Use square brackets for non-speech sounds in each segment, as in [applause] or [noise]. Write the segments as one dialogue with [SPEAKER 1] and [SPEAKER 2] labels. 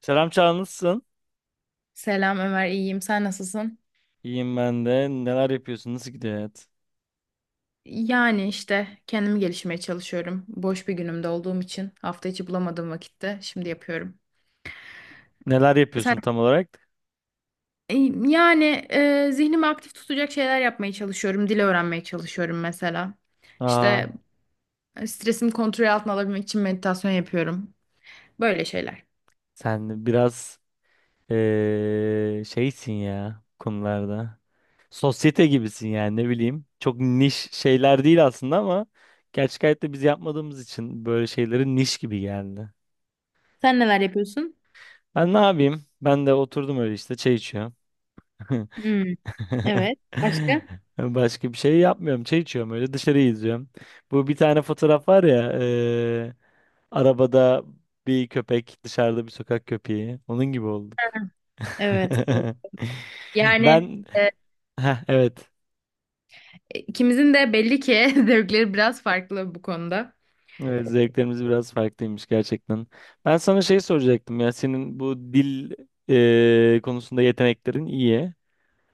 [SPEAKER 1] Selam Çağla nasılsın?
[SPEAKER 2] Selam Ömer, iyiyim. Sen nasılsın?
[SPEAKER 1] İyiyim ben de. Neler yapıyorsun? Nasıl gidiyor hayat?
[SPEAKER 2] Yani işte kendimi gelişmeye çalışıyorum. Boş bir günümde olduğum için hafta içi bulamadığım vakitte şimdi yapıyorum.
[SPEAKER 1] Neler
[SPEAKER 2] Sen.
[SPEAKER 1] yapıyorsun tam olarak?
[SPEAKER 2] E, Yani zihnimi aktif tutacak şeyler yapmaya çalışıyorum. Dil öğrenmeye çalışıyorum mesela.
[SPEAKER 1] Aa,
[SPEAKER 2] İşte stresimi kontrol altına alabilmek için meditasyon yapıyorum. Böyle şeyler.
[SPEAKER 1] sen biraz şeysin ya bu konularda. Sosyete gibisin yani ne bileyim. Çok niş şeyler değil aslında ama gerçek hayatta biz yapmadığımız için böyle şeyleri niş gibi geldi.
[SPEAKER 2] Sen neler yapıyorsun?
[SPEAKER 1] Ben ne yapayım? Ben de oturdum öyle işte çay içiyorum. [laughs]
[SPEAKER 2] Hmm,
[SPEAKER 1] [laughs]
[SPEAKER 2] evet. Başka?
[SPEAKER 1] Başka bir şey yapmıyorum. Çay içiyorum öyle dışarıyı izliyorum. Bu bir tane fotoğraf var ya arabada bir köpek dışarıda bir sokak köpeği. Onun gibi olduk.
[SPEAKER 2] Evet, evet.
[SPEAKER 1] [laughs]
[SPEAKER 2] Yani
[SPEAKER 1] Ben Heh, evet.
[SPEAKER 2] ikimizin de belli ki [laughs] zevkleri biraz farklı bu konuda.
[SPEAKER 1] Evet, zevklerimiz biraz farklıymış gerçekten. Ben sana şey soracaktım ya senin bu dil konusunda yeteneklerin iyi.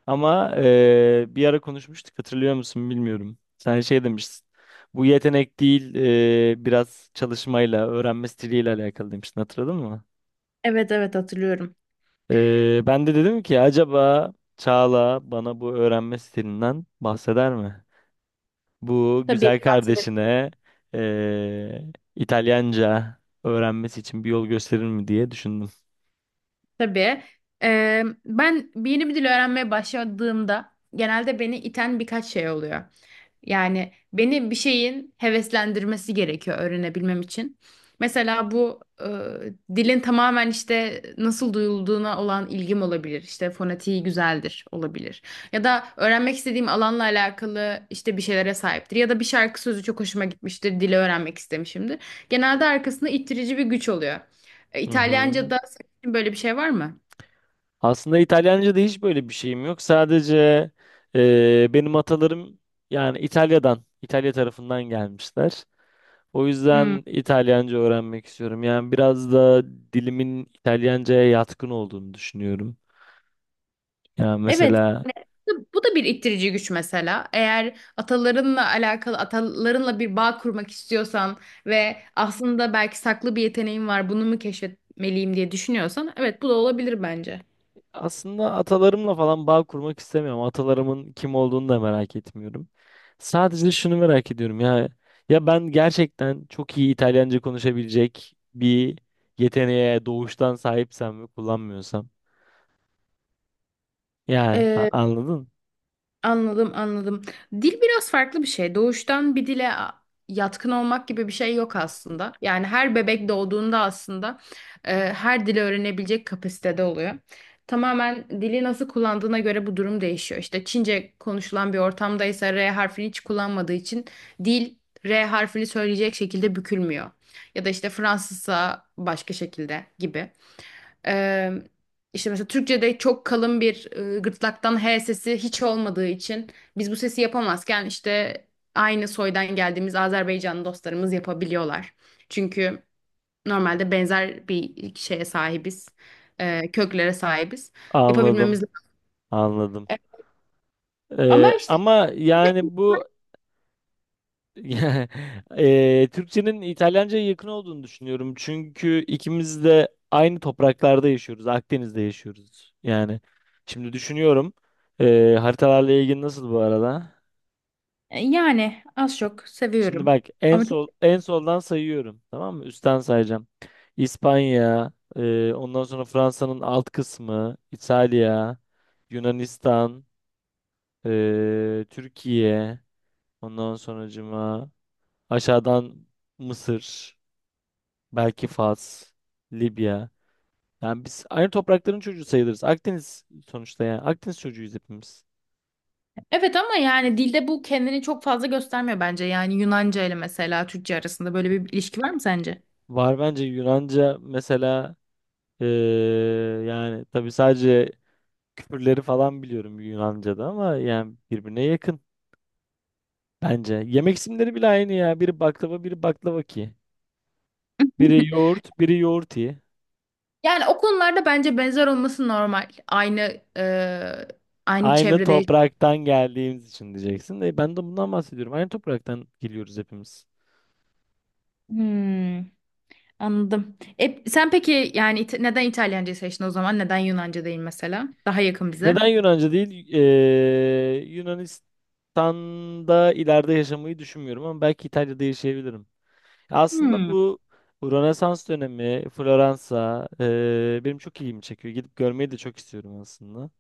[SPEAKER 1] Ama bir ara konuşmuştuk hatırlıyor musun bilmiyorum. Sen şey demiştin. Bu yetenek değil biraz çalışmayla, öğrenme stiliyle alakalı demiştin hatırladın mı?
[SPEAKER 2] Evet, evet, hatırlıyorum.
[SPEAKER 1] Ben de dedim ki acaba Çağla bana bu öğrenme stilinden bahseder mi? Bu
[SPEAKER 2] Tabii.
[SPEAKER 1] güzel
[SPEAKER 2] Üniversitede.
[SPEAKER 1] kardeşine eee, İtalyanca öğrenmesi için bir yol gösterir mi diye düşündüm.
[SPEAKER 2] Tabii. Ben yeni bir dil öğrenmeye başladığımda genelde beni iten birkaç şey oluyor. Yani beni bir şeyin heveslendirmesi gerekiyor öğrenebilmem için. Mesela bu dilin tamamen işte nasıl duyulduğuna olan ilgim olabilir. İşte fonetiği güzeldir, olabilir. Ya da öğrenmek istediğim alanla alakalı işte bir şeylere sahiptir. Ya da bir şarkı sözü çok hoşuma gitmiştir, dili öğrenmek istemişimdir. Genelde arkasında ittirici bir güç oluyor.
[SPEAKER 1] Hı hı.
[SPEAKER 2] İtalyanca'da böyle bir şey var mı?
[SPEAKER 1] Aslında İtalyanca'da hiç böyle bir şeyim yok. Sadece benim atalarım yani İtalya'dan, İtalya tarafından gelmişler. O
[SPEAKER 2] Hmm.
[SPEAKER 1] yüzden İtalyanca öğrenmek istiyorum. Yani biraz da dilimin İtalyanca'ya yatkın olduğunu düşünüyorum. Yani
[SPEAKER 2] Evet.
[SPEAKER 1] mesela
[SPEAKER 2] Yani bu da bir ittirici güç mesela. Eğer atalarınla alakalı, atalarınla bir bağ kurmak istiyorsan ve aslında belki saklı bir yeteneğin var, bunu mu keşfetmeliyim diye düşünüyorsan, evet, bu da olabilir bence.
[SPEAKER 1] aslında atalarımla falan bağ kurmak istemiyorum. Atalarımın kim olduğunu da merak etmiyorum. Sadece şunu merak ediyorum ya. Ya ben gerçekten çok iyi İtalyanca konuşabilecek bir yeteneğe doğuştan sahipsem ve kullanmıyorsam. Yani anladın?
[SPEAKER 2] Anladım, anladım. Dil biraz farklı bir şey. Doğuştan bir dile yatkın olmak gibi bir şey yok aslında. Yani her bebek doğduğunda aslında her dili öğrenebilecek kapasitede oluyor. Tamamen dili nasıl kullandığına göre bu durum değişiyor. İşte Çince konuşulan bir ortamdaysa R harfini hiç kullanmadığı için dil R harfini söyleyecek şekilde bükülmüyor. Ya da işte Fransızsa başka şekilde gibi. Ee, işte mesela Türkçe'de çok kalın bir gırtlaktan H sesi hiç olmadığı için biz bu sesi yapamazken, işte aynı soydan geldiğimiz Azerbaycanlı dostlarımız yapabiliyorlar. Çünkü normalde benzer bir şeye sahibiz, köklere sahibiz.
[SPEAKER 1] Anladım.
[SPEAKER 2] Yapabilmemiz.
[SPEAKER 1] Anladım.
[SPEAKER 2] E, Ama işte
[SPEAKER 1] Ama yani bu [laughs] Ya, Türkçenin İtalyanca'ya yakın olduğunu düşünüyorum. Çünkü ikimiz de aynı topraklarda yaşıyoruz. Akdeniz'de yaşıyoruz. Yani şimdi düşünüyorum. Haritalarla ilgili nasıl bu arada?
[SPEAKER 2] yani az çok
[SPEAKER 1] Şimdi
[SPEAKER 2] seviyorum.
[SPEAKER 1] bak
[SPEAKER 2] Ama çok.
[SPEAKER 1] en soldan sayıyorum. Tamam mı? Üstten sayacağım. İspanya, ondan sonra Fransa'nın alt kısmı, İtalya, Yunanistan, Türkiye, ondan sonracıma aşağıdan Mısır. Belki Fas, Libya. Yani biz aynı toprakların çocuğu sayılırız. Akdeniz sonuçta yani. Akdeniz çocuğuyuz hepimiz.
[SPEAKER 2] Evet, ama yani dilde bu kendini çok fazla göstermiyor bence. Yani Yunanca ile mesela Türkçe arasında böyle bir ilişki var mı sence?
[SPEAKER 1] Var bence. Yunanca mesela eee, yani tabii sadece küfürleri falan biliyorum Yunanca'da ama yani birbirine yakın bence. Yemek isimleri bile aynı ya. Biri baklava, biri baklavaki. Biri
[SPEAKER 2] [laughs]
[SPEAKER 1] yoğurt, biri yoğurti.
[SPEAKER 2] Yani o konularda bence benzer olması normal. Aynı
[SPEAKER 1] Aynı
[SPEAKER 2] çevrede.
[SPEAKER 1] topraktan geldiğimiz için diyeceksin. E, ben de bundan bahsediyorum. Aynı topraktan geliyoruz hepimiz.
[SPEAKER 2] Hmm, anladım. Sen peki, yani neden İtalyancayı seçtin o zaman? Neden Yunanca değil mesela? Daha yakın bize.
[SPEAKER 1] Neden Yunanca değil? Yunanistan'da ileride yaşamayı düşünmüyorum ama belki İtalya'da yaşayabilirim. Aslında
[SPEAKER 2] Hmm,
[SPEAKER 1] bu Rönesans dönemi, Floransa benim çok ilgimi çekiyor. Gidip görmeyi de çok istiyorum aslında.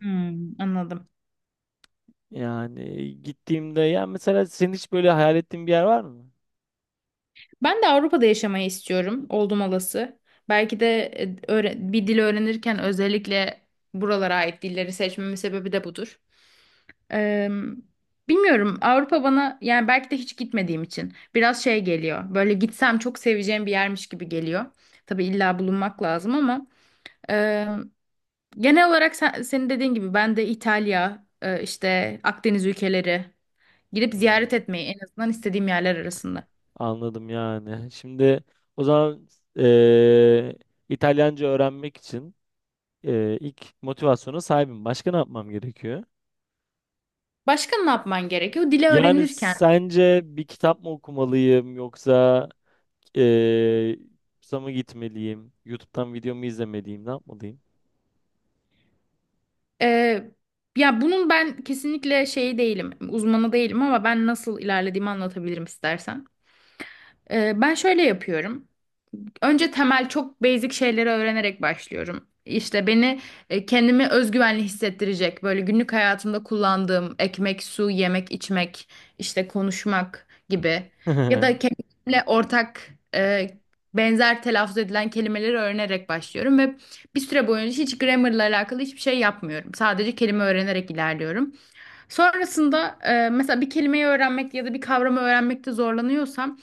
[SPEAKER 2] hmm, anladım.
[SPEAKER 1] Yani gittiğimde ya mesela senin hiç böyle hayal ettiğin bir yer var mı?
[SPEAKER 2] Ben de Avrupa'da yaşamayı istiyorum, oldum olası. Belki de bir dil öğrenirken özellikle buralara ait dilleri seçmemin sebebi de budur. Eee, bilmiyorum, Avrupa bana yani belki de hiç gitmediğim için biraz şey geliyor. Böyle gitsem çok seveceğim bir yermiş gibi geliyor. Tabii illa bulunmak lazım, ama eee, genel olarak senin dediğin gibi ben de İtalya, işte Akdeniz ülkeleri gidip
[SPEAKER 1] Hı,
[SPEAKER 2] ziyaret etmeyi en azından istediğim yerler arasında.
[SPEAKER 1] anladım yani. Şimdi o zaman ee, İtalyanca öğrenmek için ilk motivasyona sahibim. Başka ne yapmam gerekiyor?
[SPEAKER 2] Başka ne yapman gerekiyor? Dili
[SPEAKER 1] Yani
[SPEAKER 2] öğrenirken
[SPEAKER 1] sence bir kitap mı okumalıyım yoksa eee kursa mı gitmeliyim? YouTube'dan video mu izlemeliyim? Ne yapmalıyım?
[SPEAKER 2] eee, ya bunun ben kesinlikle şeyi değilim, uzmanı değilim, ama ben nasıl ilerlediğimi anlatabilirim istersen. Ben şöyle yapıyorum. Önce temel çok basic şeyleri öğrenerek başlıyorum. İşte kendimi özgüvenli hissettirecek, böyle günlük hayatımda kullandığım ekmek, su, yemek, içmek, işte konuşmak gibi,
[SPEAKER 1] [laughs]
[SPEAKER 2] ya
[SPEAKER 1] Hı
[SPEAKER 2] da kendimle ortak benzer telaffuz edilen kelimeleri öğrenerek başlıyorum ve bir süre boyunca hiç grammarla alakalı hiçbir şey yapmıyorum. Sadece kelime öğrenerek ilerliyorum. Sonrasında mesela bir kelimeyi öğrenmek ya da bir kavramı öğrenmekte zorlanıyorsam,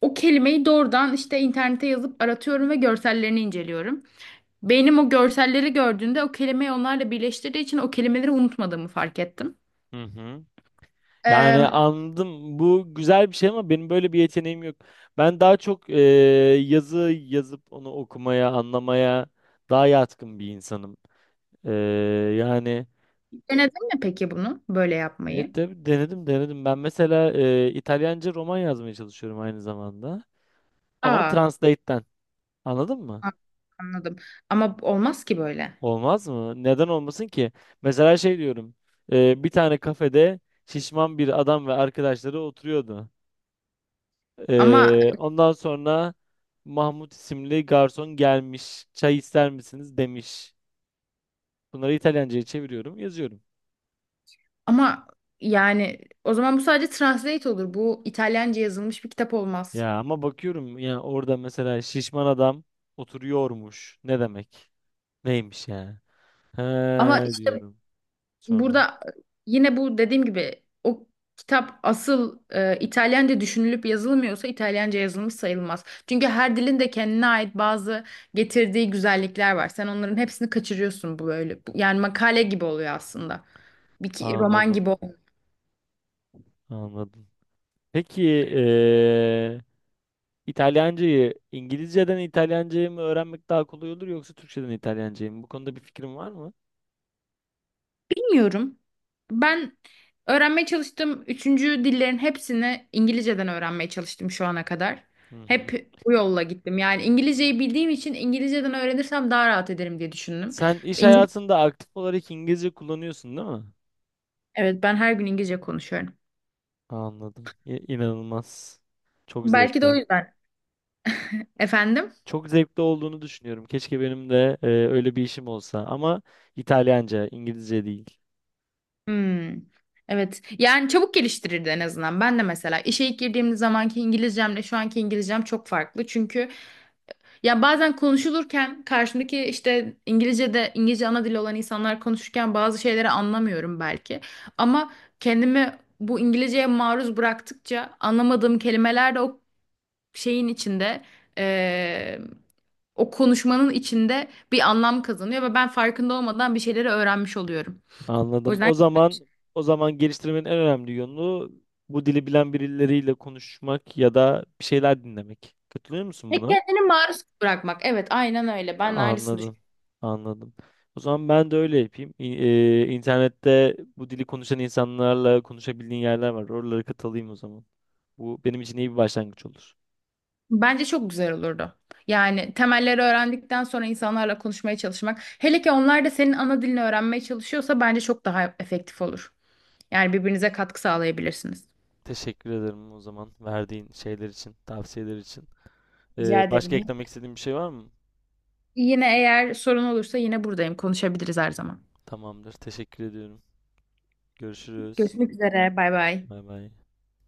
[SPEAKER 2] o kelimeyi doğrudan işte internete yazıp aratıyorum ve görsellerini inceliyorum. Beynim o görselleri gördüğünde o kelimeyi onlarla birleştirdiği için o kelimeleri unutmadığımı fark ettim.
[SPEAKER 1] hı.
[SPEAKER 2] Ee,
[SPEAKER 1] Yani anladım. Bu güzel bir şey ama benim böyle bir yeteneğim yok. Ben daha çok yazı yazıp onu okumaya, anlamaya daha yatkın bir insanım. Eee, yani
[SPEAKER 2] denedin mi peki bunu böyle
[SPEAKER 1] evet,
[SPEAKER 2] yapmayı?
[SPEAKER 1] denedim denedim. Ben mesela İtalyanca roman yazmaya çalışıyorum aynı zamanda. Ama
[SPEAKER 2] Aa,
[SPEAKER 1] Translate'ten. Anladın mı?
[SPEAKER 2] a- anladım. Ama olmaz ki böyle.
[SPEAKER 1] Olmaz mı? Neden olmasın ki? Mesela şey diyorum. E, bir tane kafede şişman bir adam ve arkadaşları oturuyordu.
[SPEAKER 2] Ama
[SPEAKER 1] E, ondan sonra Mahmut isimli garson gelmiş. Çay ister misiniz demiş. Bunları İtalyanca'ya çeviriyorum, yazıyorum.
[SPEAKER 2] ama yani o zaman bu sadece translate olur. Bu İtalyanca yazılmış bir kitap olmaz.
[SPEAKER 1] Ya ama bakıyorum ya orada mesela şişman adam oturuyormuş. Ne demek? Neymiş yani? He
[SPEAKER 2] Ama işte
[SPEAKER 1] diyorum sonra.
[SPEAKER 2] burada yine bu dediğim gibi, o kitap asıl İtalyanca düşünülüp yazılmıyorsa İtalyanca yazılmış sayılmaz. Çünkü her dilin de kendine ait bazı getirdiği güzellikler var. Sen onların hepsini kaçırıyorsun bu böyle. Yani makale gibi oluyor aslında. Bir roman
[SPEAKER 1] Anladım,
[SPEAKER 2] gibi olmuyor.
[SPEAKER 1] anladım. Peki İngilizceden İtalyancayı mı öğrenmek daha kolay olur yoksa Türkçeden İtalyancayı mı? Bu konuda bir fikrin var mı?
[SPEAKER 2] Bilmiyorum. Ben öğrenmeye çalıştım, üçüncü dillerin hepsini İngilizceden öğrenmeye çalıştım şu ana kadar.
[SPEAKER 1] Hı hı.
[SPEAKER 2] Hep bu yolla gittim. Yani İngilizceyi bildiğim için İngilizceden öğrenirsem daha rahat ederim diye düşündüm.
[SPEAKER 1] Sen iş hayatında aktif olarak İngilizce kullanıyorsun değil mi?
[SPEAKER 2] Evet, ben her gün İngilizce konuşuyorum.
[SPEAKER 1] Anladım. İnanılmaz. Çok
[SPEAKER 2] Belki de o
[SPEAKER 1] zevkli.
[SPEAKER 2] yüzden. Efendim?
[SPEAKER 1] Çok zevkli olduğunu düşünüyorum. Keşke benim de öyle bir işim olsa ama İtalyanca, İngilizce değil.
[SPEAKER 2] Hmm. Evet. Yani çabuk geliştirirdi en azından. Ben de mesela işe ilk girdiğim zamanki İngilizcemle şu anki İngilizcem çok farklı. Çünkü ya bazen konuşulurken karşımdaki işte İngilizce'de, İngilizce ana dili olan insanlar konuşurken bazı şeyleri anlamıyorum belki. Ama kendimi bu İngilizceye maruz bıraktıkça anlamadığım kelimeler de o şeyin içinde, o konuşmanın içinde bir anlam kazanıyor ve ben farkında olmadan bir şeyleri öğrenmiş oluyorum. O
[SPEAKER 1] Anladım.
[SPEAKER 2] yüzden.
[SPEAKER 1] O zaman geliştirmenin en önemli yönü bu dili bilen birileriyle konuşmak ya da bir şeyler dinlemek. Katılıyor musun buna?
[SPEAKER 2] Kendini maruz bırakmak. Evet, aynen öyle. Ben de aynısını
[SPEAKER 1] Anladım.
[SPEAKER 2] düşünüyorum.
[SPEAKER 1] Anladım. O zaman ben de öyle yapayım. İnternette bu dili konuşan insanlarla konuşabildiğin yerler var. Oralara katılayım o zaman. Bu benim için iyi bir başlangıç olur.
[SPEAKER 2] Bence çok güzel olurdu. Yani temelleri öğrendikten sonra insanlarla konuşmaya çalışmak. Hele ki onlar da senin ana dilini öğrenmeye çalışıyorsa bence çok daha efektif olur. Yani birbirinize katkı sağlayabilirsiniz.
[SPEAKER 1] Teşekkür ederim o zaman verdiğin şeyler için, tavsiyeler için.
[SPEAKER 2] Rica
[SPEAKER 1] Başka
[SPEAKER 2] ederim.
[SPEAKER 1] eklemek istediğin bir şey var mı?
[SPEAKER 2] Yine eğer sorun olursa yine buradayım. Konuşabiliriz her zaman.
[SPEAKER 1] Tamamdır. Teşekkür ediyorum. Görüşürüz.
[SPEAKER 2] Görüşmek üzere. Bay bay.
[SPEAKER 1] Bay bay.